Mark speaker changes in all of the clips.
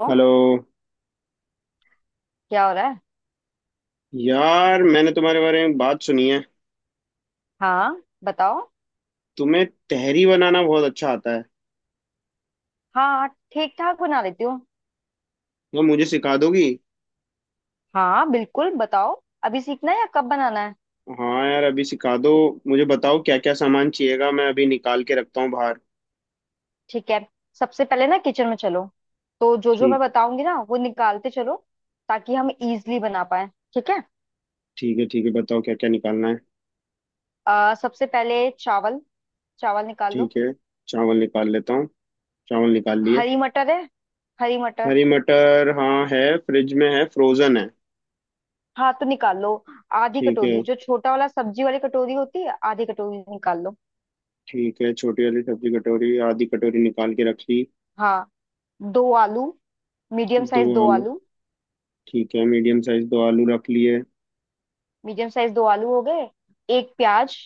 Speaker 1: ओ,
Speaker 2: hello.
Speaker 1: क्या हो रहा है।
Speaker 2: यार, मैंने तुम्हारे बारे में बात सुनी है,
Speaker 1: हाँ बताओ।
Speaker 2: तुम्हें तहरी बनाना बहुत अच्छा आता है।
Speaker 1: हाँ ठीक ठाक बना लेती हूँ।
Speaker 2: यार, मुझे सिखा दोगी?
Speaker 1: हाँ बिल्कुल बताओ, अभी सीखना है या कब बनाना है।
Speaker 2: हाँ यार, अभी सिखा दो। मुझे बताओ क्या क्या सामान चाहिएगा, मैं अभी निकाल के रखता हूँ बाहर।
Speaker 1: ठीक है, सबसे पहले ना किचन में चलो। तो जो जो मैं
Speaker 2: ठीक।
Speaker 1: बताऊंगी ना वो निकालते चलो ताकि हम इजली बना पाए। ठीक है।
Speaker 2: ठीक है, ठीक है, बताओ क्या क्या निकालना है।
Speaker 1: सबसे पहले चावल, चावल निकाल लो।
Speaker 2: ठीक है, चावल निकाल लेता हूँ। चावल निकाल लिए।
Speaker 1: हरी मटर है, हरी मटर।
Speaker 2: हरी मटर हाँ है, फ्रिज में है, फ्रोजन है।
Speaker 1: हाँ तो निकाल लो। आधी
Speaker 2: ठीक है,
Speaker 1: कटोरी, जो छोटा वाला सब्जी वाली कटोरी होती है, आधी कटोरी निकाल लो।
Speaker 2: ठीक है, छोटी वाली सब्जी कटोरी आधी कटोरी निकाल के रख ली।
Speaker 1: हाँ, दो आलू, मीडियम
Speaker 2: दो
Speaker 1: साइज दो
Speaker 2: आलू।
Speaker 1: आलू।
Speaker 2: ठीक है, मीडियम साइज दो आलू रख लिए।
Speaker 1: मीडियम साइज दो आलू हो गए। एक प्याज।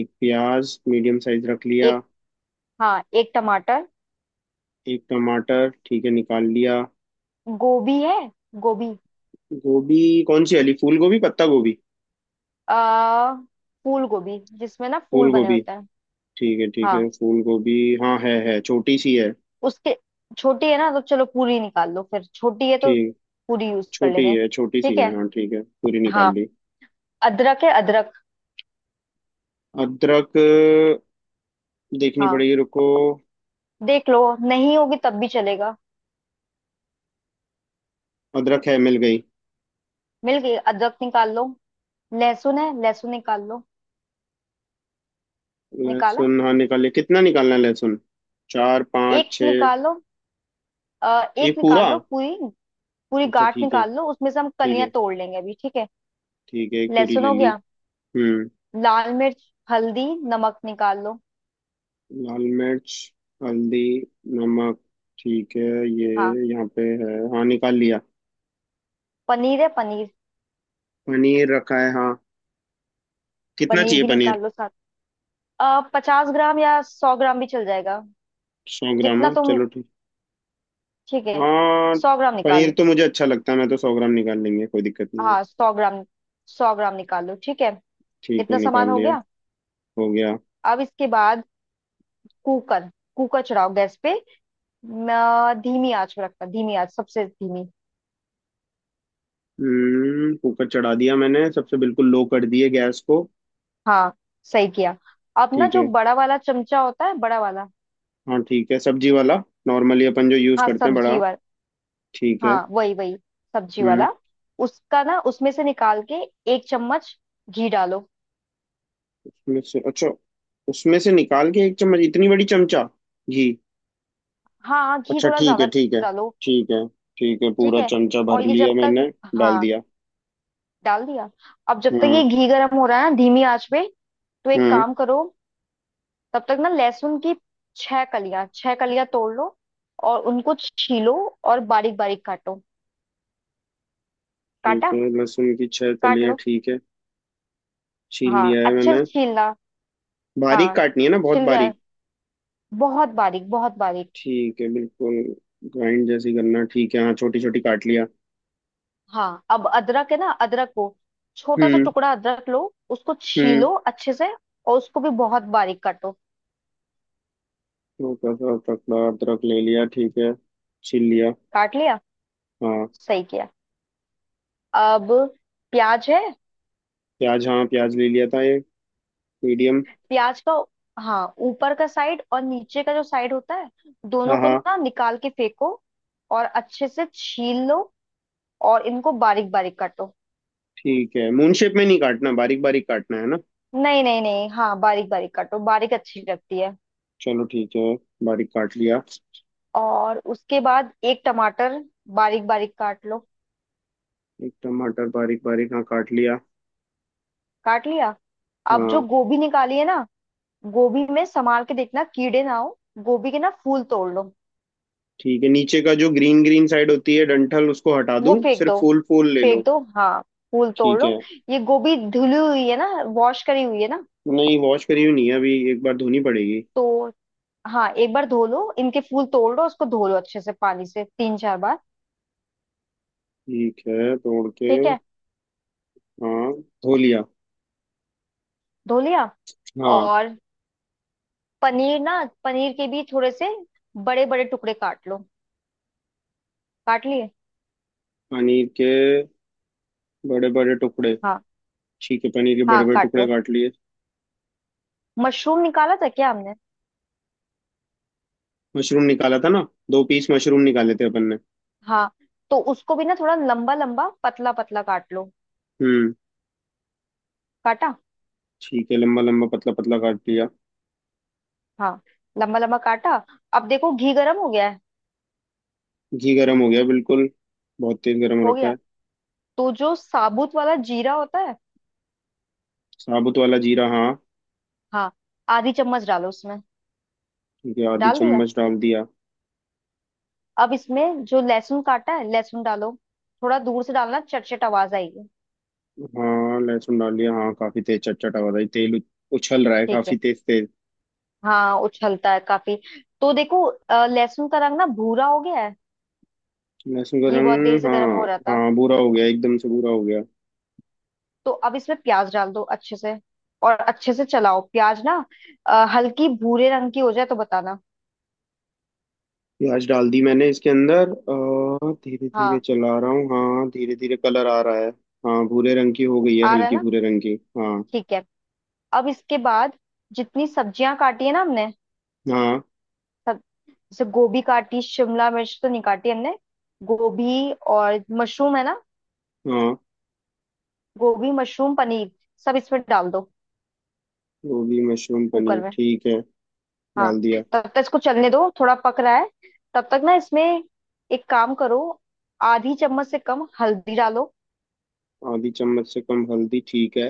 Speaker 2: एक प्याज मीडियम साइज रख
Speaker 1: एक,
Speaker 2: लिया।
Speaker 1: हाँ एक टमाटर।
Speaker 2: एक टमाटर ठीक है, निकाल लिया।
Speaker 1: गोभी है गोभी।
Speaker 2: गोभी कौन सी वाली, फूल गोभी पत्ता गोभी?
Speaker 1: आ फूल गोभी जिसमें ना फूल
Speaker 2: फूल
Speaker 1: बने
Speaker 2: गोभी।
Speaker 1: होते हैं।
Speaker 2: ठीक है
Speaker 1: हाँ,
Speaker 2: फूल गोभी। हाँ है, छोटी सी है।
Speaker 1: उसके छोटी है ना तो चलो पूरी निकाल लो, फिर छोटी है तो
Speaker 2: ठीक।
Speaker 1: पूरी यूज कर
Speaker 2: छोटी
Speaker 1: लेंगे।
Speaker 2: है, छोटी सी
Speaker 1: ठीक
Speaker 2: है,
Speaker 1: है।
Speaker 2: हाँ ठीक है, पूरी निकाल
Speaker 1: हाँ,
Speaker 2: ली।
Speaker 1: अदरक है अदरक।
Speaker 2: अदरक। देखनी
Speaker 1: हाँ
Speaker 2: पड़ेगी, रुको।
Speaker 1: देख लो, नहीं होगी तब भी चलेगा।
Speaker 2: अदरक है, मिल गई।
Speaker 1: मिल गई, अदरक निकाल लो। लहसुन है, लहसुन निकाल लो। निकाला।
Speaker 2: लहसुन हाँ निकाल लिया, कितना निकालना है लहसुन? चार पाँच
Speaker 1: एक
Speaker 2: छः?
Speaker 1: निकालो, एक
Speaker 2: एक
Speaker 1: निकाल
Speaker 2: पूरा?
Speaker 1: लो पूरी। पूरी
Speaker 2: अच्छा
Speaker 1: गांठ
Speaker 2: ठीक है,
Speaker 1: निकाल लो, उसमें से हम
Speaker 2: ठीक
Speaker 1: कलियां
Speaker 2: है।
Speaker 1: तोड़ लेंगे अभी। ठीक है।
Speaker 2: ठीक है, एक पूरी
Speaker 1: लहसुन
Speaker 2: ले
Speaker 1: हो
Speaker 2: ली।
Speaker 1: गया।
Speaker 2: हम्म।
Speaker 1: लाल मिर्च, हल्दी, नमक निकाल लो।
Speaker 2: लाल मिर्च, हल्दी, नमक ठीक है। ये
Speaker 1: हाँ,
Speaker 2: यहाँ पे है, हाँ निकाल लिया।
Speaker 1: पनीर है पनीर।
Speaker 2: पनीर रखा है हाँ। कितना
Speaker 1: पनीर
Speaker 2: चाहिए
Speaker 1: भी
Speaker 2: पनीर?
Speaker 1: निकाल लो साथ। 50 ग्राम या 100 ग्राम भी चल जाएगा।
Speaker 2: 100 ग्राम
Speaker 1: जितना
Speaker 2: हाँ,
Speaker 1: तुम।
Speaker 2: चलो ठीक।
Speaker 1: ठीक है,
Speaker 2: हाँ,
Speaker 1: 100 ग्राम निकाल
Speaker 2: पनीर
Speaker 1: लो।
Speaker 2: तो मुझे अच्छा लगता है, मैं तो 100 ग्राम निकाल लेंगे, कोई दिक्कत नहीं है।
Speaker 1: हाँ 100 ग्राम, 100 ग्राम निकाल लो। ठीक है।
Speaker 2: ठीक है
Speaker 1: इतना
Speaker 2: निकाल
Speaker 1: सामान हो
Speaker 2: लिया।
Speaker 1: गया।
Speaker 2: हो गया।
Speaker 1: अब इसके बाद कुकर, कुकर चढ़ाओ गैस पे। धीमी आंच पे रखना, धीमी आंच सबसे धीमी।
Speaker 2: हम्म, कुकर चढ़ा दिया मैंने, सबसे बिल्कुल लो कर दिए गैस को।
Speaker 1: हाँ, सही किया। अब ना
Speaker 2: ठीक
Speaker 1: जो
Speaker 2: है।
Speaker 1: बड़ा वाला चमचा होता है, बड़ा वाला।
Speaker 2: हाँ ठीक है, सब्जी वाला। नॉर्मली अपन जो यूज
Speaker 1: हाँ,
Speaker 2: करते हैं, बड़ा।
Speaker 1: सब्जी वाला।
Speaker 2: ठीक है।
Speaker 1: हाँ वही वही, सब्जी
Speaker 2: हम्म।
Speaker 1: वाला। उसका ना उसमें से निकाल के एक चम्मच घी डालो।
Speaker 2: उसमें से अच्छा, उसमें से निकाल के एक चम्मच इतनी बड़ी चमचा? घी?
Speaker 1: हाँ हाँ, घी
Speaker 2: अच्छा
Speaker 1: थोड़ा
Speaker 2: ठीक है,
Speaker 1: ज्यादा
Speaker 2: ठीक है।
Speaker 1: डालो।
Speaker 2: ठीक है। ठीक है,
Speaker 1: ठीक
Speaker 2: पूरा
Speaker 1: है।
Speaker 2: चमचा
Speaker 1: और
Speaker 2: भर
Speaker 1: ये जब
Speaker 2: लिया मैंने।
Speaker 1: तक,
Speaker 2: डाल
Speaker 1: हाँ,
Speaker 2: दिया।
Speaker 1: डाल दिया। अब जब तक
Speaker 2: हाँ
Speaker 1: ये घी गर्म हो रहा है ना धीमी आंच पे, तो एक
Speaker 2: हाँ
Speaker 1: काम करो। तब तक ना लहसुन की छह कलियां, छह कलियां तोड़ लो और उनको छीलो और बारीक बारीक काटो।
Speaker 2: ठीक
Speaker 1: काटा,
Speaker 2: है, लहसुन की छह
Speaker 1: काट
Speaker 2: कलियां
Speaker 1: लो।
Speaker 2: ठीक है। छील लिया
Speaker 1: हाँ
Speaker 2: है
Speaker 1: अच्छे से
Speaker 2: मैंने।
Speaker 1: छीलना,
Speaker 2: बारीक
Speaker 1: हाँ
Speaker 2: काटनी है ना, बहुत
Speaker 1: छिल जाए,
Speaker 2: बारीक?
Speaker 1: बहुत बारीक बहुत बारीक।
Speaker 2: ठीक है बिल्कुल। ग्राइंड जैसी करना, ठीक है हाँ, छोटी छोटी काट लिया।
Speaker 1: हाँ, अब अदरक है ना, अदरक को छोटा सा
Speaker 2: हम्म।
Speaker 1: टुकड़ा अदरक लो, उसको
Speaker 2: हम्म।
Speaker 1: छीलो अच्छे से और उसको भी बहुत बारीक काटो।
Speaker 2: हल्का सा टुकड़ा अदरक ले लिया ठीक है। छील लिया।
Speaker 1: काट लिया,
Speaker 2: हाँ।
Speaker 1: सही किया। अब प्याज है।
Speaker 2: प्याज हाँ, प्याज ले लिया था ये। मीडियम।
Speaker 1: प्याज का, हाँ ऊपर का साइड और नीचे का जो साइड होता है, दोनों
Speaker 2: हाँ
Speaker 1: को
Speaker 2: हाँ
Speaker 1: ना निकाल के फेंको और अच्छे से छील लो और इनको बारीक बारीक काटो।
Speaker 2: ठीक है, मून शेप में नहीं काटना, बारीक बारीक काटना है ना?
Speaker 1: नहीं नहीं नहीं, हाँ बारीक बारीक काटो, बारीक अच्छी लगती है।
Speaker 2: चलो ठीक है, बारीक काट लिया।
Speaker 1: और उसके बाद एक टमाटर बारीक बारीक काट लो।
Speaker 2: एक टमाटर बारीक बारीक हाँ काट लिया।
Speaker 1: काट लिया। अब जो
Speaker 2: हाँ।
Speaker 1: गोभी निकाली है ना, गोभी में संभाल के देखना कीड़े ना हो। गोभी के ना फूल तोड़ लो।
Speaker 2: ठीक है, नीचे का जो ग्रीन ग्रीन साइड होती है डंठल, उसको हटा
Speaker 1: वो
Speaker 2: दूं,
Speaker 1: फेंक
Speaker 2: सिर्फ
Speaker 1: दो,
Speaker 2: फूल फूल ले
Speaker 1: फेंक
Speaker 2: लो?
Speaker 1: दो हाँ, फूल तोड़
Speaker 2: ठीक
Speaker 1: लो।
Speaker 2: है।
Speaker 1: ये गोभी धुली हुई है ना, वॉश करी हुई है ना।
Speaker 2: नहीं, वॉश करी हुई नहीं है, अभी एक बार धोनी पड़ेगी।
Speaker 1: तो हाँ, एक बार धो लो, इनके फूल तोड़ लो, उसको धो लो अच्छे से पानी से तीन चार बार।
Speaker 2: ठीक है तोड़ के।
Speaker 1: ठीक है,
Speaker 2: हाँ, धो लिया।
Speaker 1: धो लिया।
Speaker 2: हाँ।
Speaker 1: और पनीर ना, पनीर के भी थोड़े से बड़े बड़े टुकड़े काट लो। काट लिए,
Speaker 2: पनीर के बड़े बड़े टुकड़े।
Speaker 1: हाँ
Speaker 2: ठीक है, पनीर के
Speaker 1: हाँ
Speaker 2: बड़े बड़े
Speaker 1: काट
Speaker 2: टुकड़े
Speaker 1: लो।
Speaker 2: काट लिए।
Speaker 1: मशरूम निकाला था क्या हमने।
Speaker 2: मशरूम निकाला था ना, दो पीस मशरूम निकाले थे अपन ने।
Speaker 1: हाँ, तो उसको भी ना थोड़ा लंबा लंबा पतला पतला काट लो।
Speaker 2: हम्म।
Speaker 1: काटा,
Speaker 2: ठीक है, लंबा लंबा पतला पतला काट लिया।
Speaker 1: हाँ लंबा लंबा काटा। अब देखो घी गरम हो गया है।
Speaker 2: घी गरम हो गया बिल्कुल, बहुत तेज गरम
Speaker 1: हो
Speaker 2: रखा
Speaker 1: गया।
Speaker 2: है।
Speaker 1: तो जो साबुत वाला जीरा होता है,
Speaker 2: साबुत वाला जीरा हाँ।
Speaker 1: हाँ आधी चम्मच डालो उसमें।
Speaker 2: ठीक है, आधी
Speaker 1: डाल दिया।
Speaker 2: चम्मच डाल दिया।
Speaker 1: अब इसमें जो लहसुन काटा है, लहसुन डालो। थोड़ा दूर से डालना, चटचट आवाज आएगी।
Speaker 2: हाँ लहसुन डाल दिया, हाँ काफी तेज चटचटा हो रहा है, तेल उछल रहा है
Speaker 1: ठीक
Speaker 2: काफी
Speaker 1: है,
Speaker 2: तेज तेज।
Speaker 1: हाँ उछलता है काफी। तो देखो लहसुन का रंग ना भूरा हो गया है।
Speaker 2: लहसुन का
Speaker 1: घी बहुत देर
Speaker 2: रंग
Speaker 1: से गर्म
Speaker 2: हाँ
Speaker 1: हो रहा था।
Speaker 2: हाँ भूरा हो गया, एकदम से भूरा हो गया।
Speaker 1: तो अब इसमें प्याज डाल दो अच्छे से और अच्छे से चलाओ प्याज ना। हल्की भूरे रंग की हो जाए तो बताना।
Speaker 2: प्याज डाल दी मैंने इसके अंदर, और धीरे धीरे
Speaker 1: हाँ
Speaker 2: चला रहा हूँ, हाँ धीरे धीरे कलर आ रहा है। हाँ, भूरे रंग की हो गई है,
Speaker 1: आ रहा है
Speaker 2: हल्की
Speaker 1: ना,
Speaker 2: भूरे रंग की हाँ।
Speaker 1: ठीक है। अब इसके बाद जितनी सब्जियां काटी है ना हमने
Speaker 2: हाँ
Speaker 1: सब, जैसे गोभी काटी, शिमला मिर्च तो नहीं काटी हमने। गोभी और मशरूम है ना,
Speaker 2: हाँ।
Speaker 1: गोभी मशरूम पनीर सब इसमें डाल दो,
Speaker 2: गोभी मशरूम
Speaker 1: कुकर
Speaker 2: पनीर
Speaker 1: में।
Speaker 2: ठीक है।
Speaker 1: हाँ,
Speaker 2: डाल दिया।
Speaker 1: तब तक इसको चलने दो, थोड़ा पक रहा है। तब तक ना इसमें एक काम करो, आधी चम्मच से कम हल्दी डालो।
Speaker 2: आधी चम्मच से कम हल्दी ठीक है।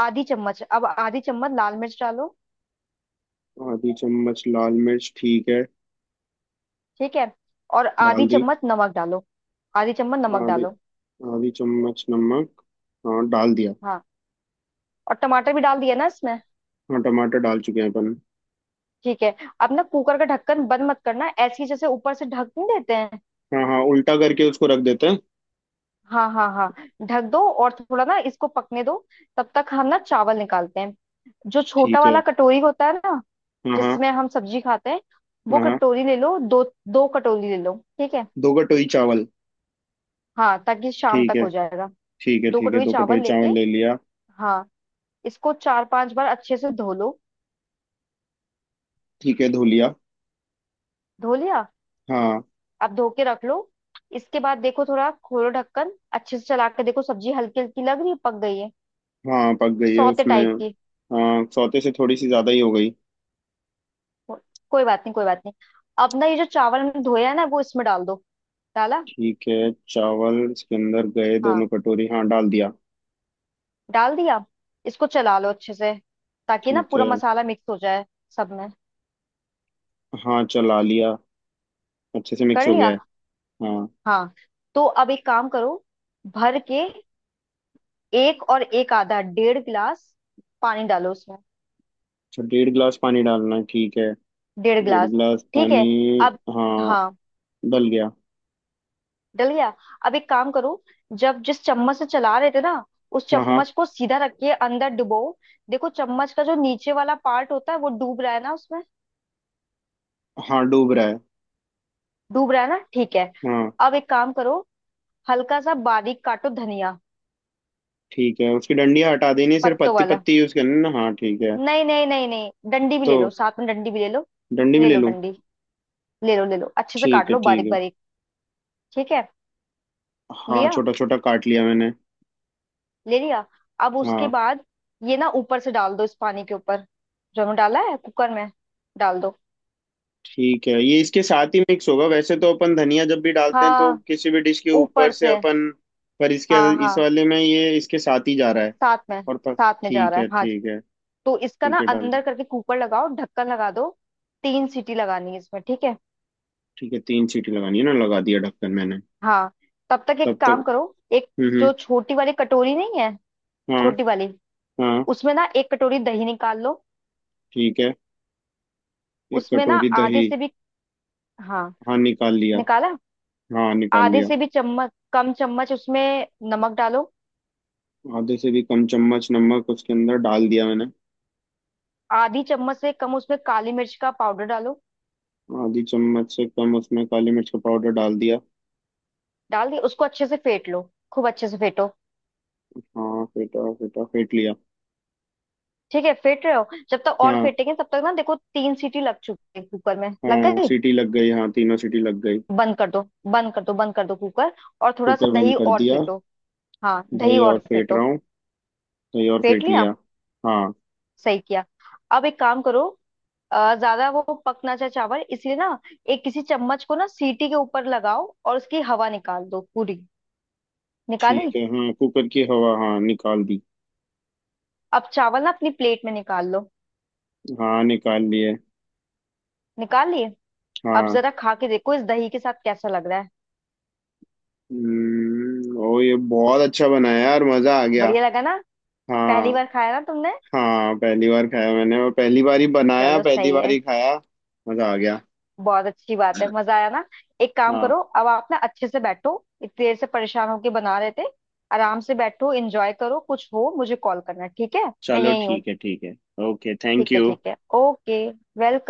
Speaker 1: आधी चम्मच, अब आधी चम्मच लाल मिर्च डालो।
Speaker 2: आधी चम्मच लाल मिर्च ठीक है।
Speaker 1: ठीक है, और
Speaker 2: डाल
Speaker 1: आधी
Speaker 2: दी।
Speaker 1: चम्मच नमक डालो। आधी चम्मच नमक
Speaker 2: आधे,
Speaker 1: डालो।
Speaker 2: आधी चम्मच नमक, हाँ डाल दिया।
Speaker 1: हाँ, और टमाटर भी डाल दिया ना इसमें।
Speaker 2: हाँ टमाटर डाल चुके हैं अपन।
Speaker 1: ठीक है। अब ना कुकर का ढक्कन बंद मत करना, ऐसे ही जैसे ऊपर से ढक नहीं देते हैं।
Speaker 2: हाँ हाँ, उल्टा करके उसको रख देते हैं।
Speaker 1: हाँ हाँ हाँ, ढक दो और थोड़ा ना इसको पकने दो। तब तक हम ना चावल निकालते हैं। जो छोटा
Speaker 2: ठीक है।
Speaker 1: वाला कटोरी होता है ना,
Speaker 2: हाँ हाँ
Speaker 1: जिसमें हम सब्जी खाते हैं, वो
Speaker 2: हाँ। हाँ।
Speaker 1: कटोरी ले लो दो। दो कटोरी ले लो, ठीक है।
Speaker 2: दो कटोरी चावल।
Speaker 1: हाँ, ताकि शाम
Speaker 2: ठीक
Speaker 1: तक
Speaker 2: है,
Speaker 1: हो जाएगा।
Speaker 2: ठीक है,
Speaker 1: दो
Speaker 2: ठीक है,
Speaker 1: कटोरी
Speaker 2: दो
Speaker 1: चावल
Speaker 2: कटोरी
Speaker 1: लेके,
Speaker 2: चावल ले लिया।
Speaker 1: हाँ इसको चार पांच बार अच्छे से धो लो।
Speaker 2: ठीक है धो लिया।
Speaker 1: धो लिया।
Speaker 2: हाँ।
Speaker 1: अब धो के रख लो। इसके बाद देखो थोड़ा खोलो ढक्कन, अच्छे से चला के देखो, सब्जी हल्की हल्की लग रही है, पक गई है,
Speaker 2: हाँ पक गई है
Speaker 1: सौते
Speaker 2: उसमें।
Speaker 1: टाइप की।
Speaker 2: हाँ सौते से थोड़ी सी ज़्यादा ही हो गई।
Speaker 1: को- कोई बात नहीं, कोई बात नहीं। अब ना ये जो चावल हमने धोया है ना, वो इसमें डाल दो। डाला,
Speaker 2: ठीक है, चावल इसके अंदर गए दोनों
Speaker 1: हाँ
Speaker 2: कटोरी, हाँ डाल दिया।
Speaker 1: डाल दिया। इसको चला लो अच्छे से ताकि ना
Speaker 2: ठीक
Speaker 1: पूरा
Speaker 2: है।
Speaker 1: मसाला मिक्स हो जाए, सब में।
Speaker 2: हाँ चला लिया, अच्छे से
Speaker 1: कर
Speaker 2: मिक्स हो गया
Speaker 1: लिया,
Speaker 2: है। हाँ।
Speaker 1: हाँ। तो अब एक काम करो, भर के एक और एक आधा 1.5 गिलास पानी डालो उसमें।
Speaker 2: अच्छा, डेढ़ गिलास पानी डालना है, ठीक है।
Speaker 1: डेढ़
Speaker 2: डेढ़
Speaker 1: गिलास
Speaker 2: गिलास
Speaker 1: ठीक
Speaker 2: पानी।
Speaker 1: है। अब,
Speaker 2: हाँ
Speaker 1: हाँ
Speaker 2: डल गया।
Speaker 1: डल गया। अब एक काम करो, जब जिस चम्मच से चला रहे थे ना, उस
Speaker 2: हाँ हाँ।
Speaker 1: चम्मच को सीधा रखिए, अंदर डुबो, देखो चम्मच का जो नीचे वाला पार्ट होता है वो डूब रहा है ना उसमें।
Speaker 2: हाँ डूब रहा है।
Speaker 1: डूब रहा है ना, ठीक है।
Speaker 2: हाँ।
Speaker 1: अब एक काम करो, हल्का सा बारीक काटो धनिया,
Speaker 2: ठीक है, उसकी डंडियाँ हटा देनी है, सिर्फ
Speaker 1: पत्तों
Speaker 2: पत्ती
Speaker 1: वाला।
Speaker 2: पत्ती यूज करनी है ना? हाँ ठीक है।
Speaker 1: नहीं नहीं नहीं नहीं, डंडी भी
Speaker 2: तो
Speaker 1: ले लो साथ में, डंडी भी ले लो,
Speaker 2: डंडी भी
Speaker 1: ले
Speaker 2: ले
Speaker 1: लो
Speaker 2: लूँ?
Speaker 1: डंडी, ले लो अच्छे से
Speaker 2: ठीक
Speaker 1: काट
Speaker 2: है
Speaker 1: लो
Speaker 2: ठीक
Speaker 1: बारीक
Speaker 2: है।
Speaker 1: बारीक। ठीक है,
Speaker 2: हाँ
Speaker 1: लिया,
Speaker 2: छोटा छोटा काट लिया मैंने।
Speaker 1: ले लिया। अब उसके
Speaker 2: हाँ।
Speaker 1: बाद ये ना ऊपर से डाल दो, इस पानी के ऊपर जो हमने डाला है कुकर में। डाल दो
Speaker 2: ठीक है, ये इसके साथ ही मिक्स होगा? वैसे तो अपन धनिया जब भी डालते हैं तो
Speaker 1: हाँ,
Speaker 2: किसी भी डिश के
Speaker 1: ऊपर
Speaker 2: ऊपर से
Speaker 1: से।
Speaker 2: अपन। पर इसके,
Speaker 1: हाँ
Speaker 2: इस
Speaker 1: हाँ
Speaker 2: वाले में ये इसके साथ ही जा रहा है
Speaker 1: साथ में,
Speaker 2: और। पर
Speaker 1: साथ में जा
Speaker 2: ठीक
Speaker 1: रहा है।
Speaker 2: है
Speaker 1: हाँ जी,
Speaker 2: ठीक है।
Speaker 1: तो इसका ना
Speaker 2: ठीक है डाल
Speaker 1: अंदर
Speaker 2: दो।
Speaker 1: करके कुकर लगाओ, ढक्कन लगा दो। तीन सीटी लगानी है इसमें, ठीक है।
Speaker 2: ठीक है तीन सीटी लगानी है ना, लगा दिया ढक्कन मैंने।
Speaker 1: हाँ, तब तक एक
Speaker 2: तब तक।
Speaker 1: काम करो। एक,
Speaker 2: हम्म। हम्म।
Speaker 1: जो छोटी वाली कटोरी नहीं है,
Speaker 2: हाँ
Speaker 1: छोटी वाली,
Speaker 2: हाँ।
Speaker 1: उसमें ना एक कटोरी दही निकाल लो।
Speaker 2: ठीक है, एक
Speaker 1: उसमें ना
Speaker 2: कटोरी
Speaker 1: आधे
Speaker 2: दही।
Speaker 1: से भी, हाँ
Speaker 2: हाँ निकाल लिया।
Speaker 1: निकाला,
Speaker 2: हाँ निकाल
Speaker 1: आधे
Speaker 2: लिया।
Speaker 1: से भी चम्मच कम चम्मच उसमें नमक डालो।
Speaker 2: आधे से भी कम चम्मच नमक उसके अंदर डाल दिया मैंने।
Speaker 1: आधी चम्मच से कम उसमें काली मिर्च का पाउडर डालो।
Speaker 2: आधी चम्मच से कम उसमें काली मिर्च का पाउडर डाल दिया।
Speaker 1: डाल दिया, उसको अच्छे से फेंट लो, खूब अच्छे से फेंटो।
Speaker 2: हाँ फेंटा फेंटा फेंट लिया।
Speaker 1: ठीक है, फेंट रहे हो जब तक, और
Speaker 2: हाँ
Speaker 1: फेंटेंगे तब तक ना, देखो तीन सीटी लग चुकी है कुकर में, लग
Speaker 2: हाँ
Speaker 1: गई।
Speaker 2: सीटी लग गई, हाँ तीनों सीटी लग गई।
Speaker 1: बंद कर दो, बंद कर दो, बंद कर दो कुकर। और थोड़ा सा
Speaker 2: कुकर बंद
Speaker 1: दही
Speaker 2: कर
Speaker 1: और
Speaker 2: दिया।
Speaker 1: फेंटो। हाँ, दही
Speaker 2: दही और
Speaker 1: और
Speaker 2: फेंट रहा
Speaker 1: फेंटो।
Speaker 2: हूँ। दही और
Speaker 1: फेंट
Speaker 2: फेंट
Speaker 1: लिया,
Speaker 2: लिया। हाँ।
Speaker 1: सही किया। अब एक काम करो, ज्यादा वो पकना चाहे चावल इसलिए ना, एक किसी चम्मच को ना सीटी के ऊपर लगाओ और उसकी हवा निकाल दो पूरी। निकाली।
Speaker 2: ठीक है हाँ, कुकर की हवा हाँ निकाल दी।
Speaker 1: अब चावल ना अपनी प्लेट में निकाल लो।
Speaker 2: हाँ निकाल लिए।
Speaker 1: निकाल लिए। अब
Speaker 2: हाँ।
Speaker 1: जरा खा के देखो इस दही के साथ कैसा लग रहा है।
Speaker 2: ओ ये बहुत अच्छा बना है यार, मजा आ गया।
Speaker 1: बढ़िया लगा ना, पहली
Speaker 2: हाँ।
Speaker 1: बार खाया ना तुमने।
Speaker 2: हाँ, पहली बार खाया मैंने और पहली बार ही बनाया,
Speaker 1: चलो
Speaker 2: पहली
Speaker 1: सही
Speaker 2: बार
Speaker 1: है।
Speaker 2: ही खाया। मजा आ गया।
Speaker 1: बहुत अच्छी बात है, मजा आया ना। एक काम करो,
Speaker 2: हाँ
Speaker 1: अब आप ना अच्छे से बैठो, इतनी देर से परेशान होके बना रहे थे, आराम से बैठो, एंजॉय करो, कुछ हो मुझे कॉल करना, ठीक है। मैं
Speaker 2: चलो
Speaker 1: यही हूँ।
Speaker 2: ठीक है। ठीक है। ओके, थैंक
Speaker 1: ठीक है
Speaker 2: यू।
Speaker 1: ठीक है, ओके। वेलकम।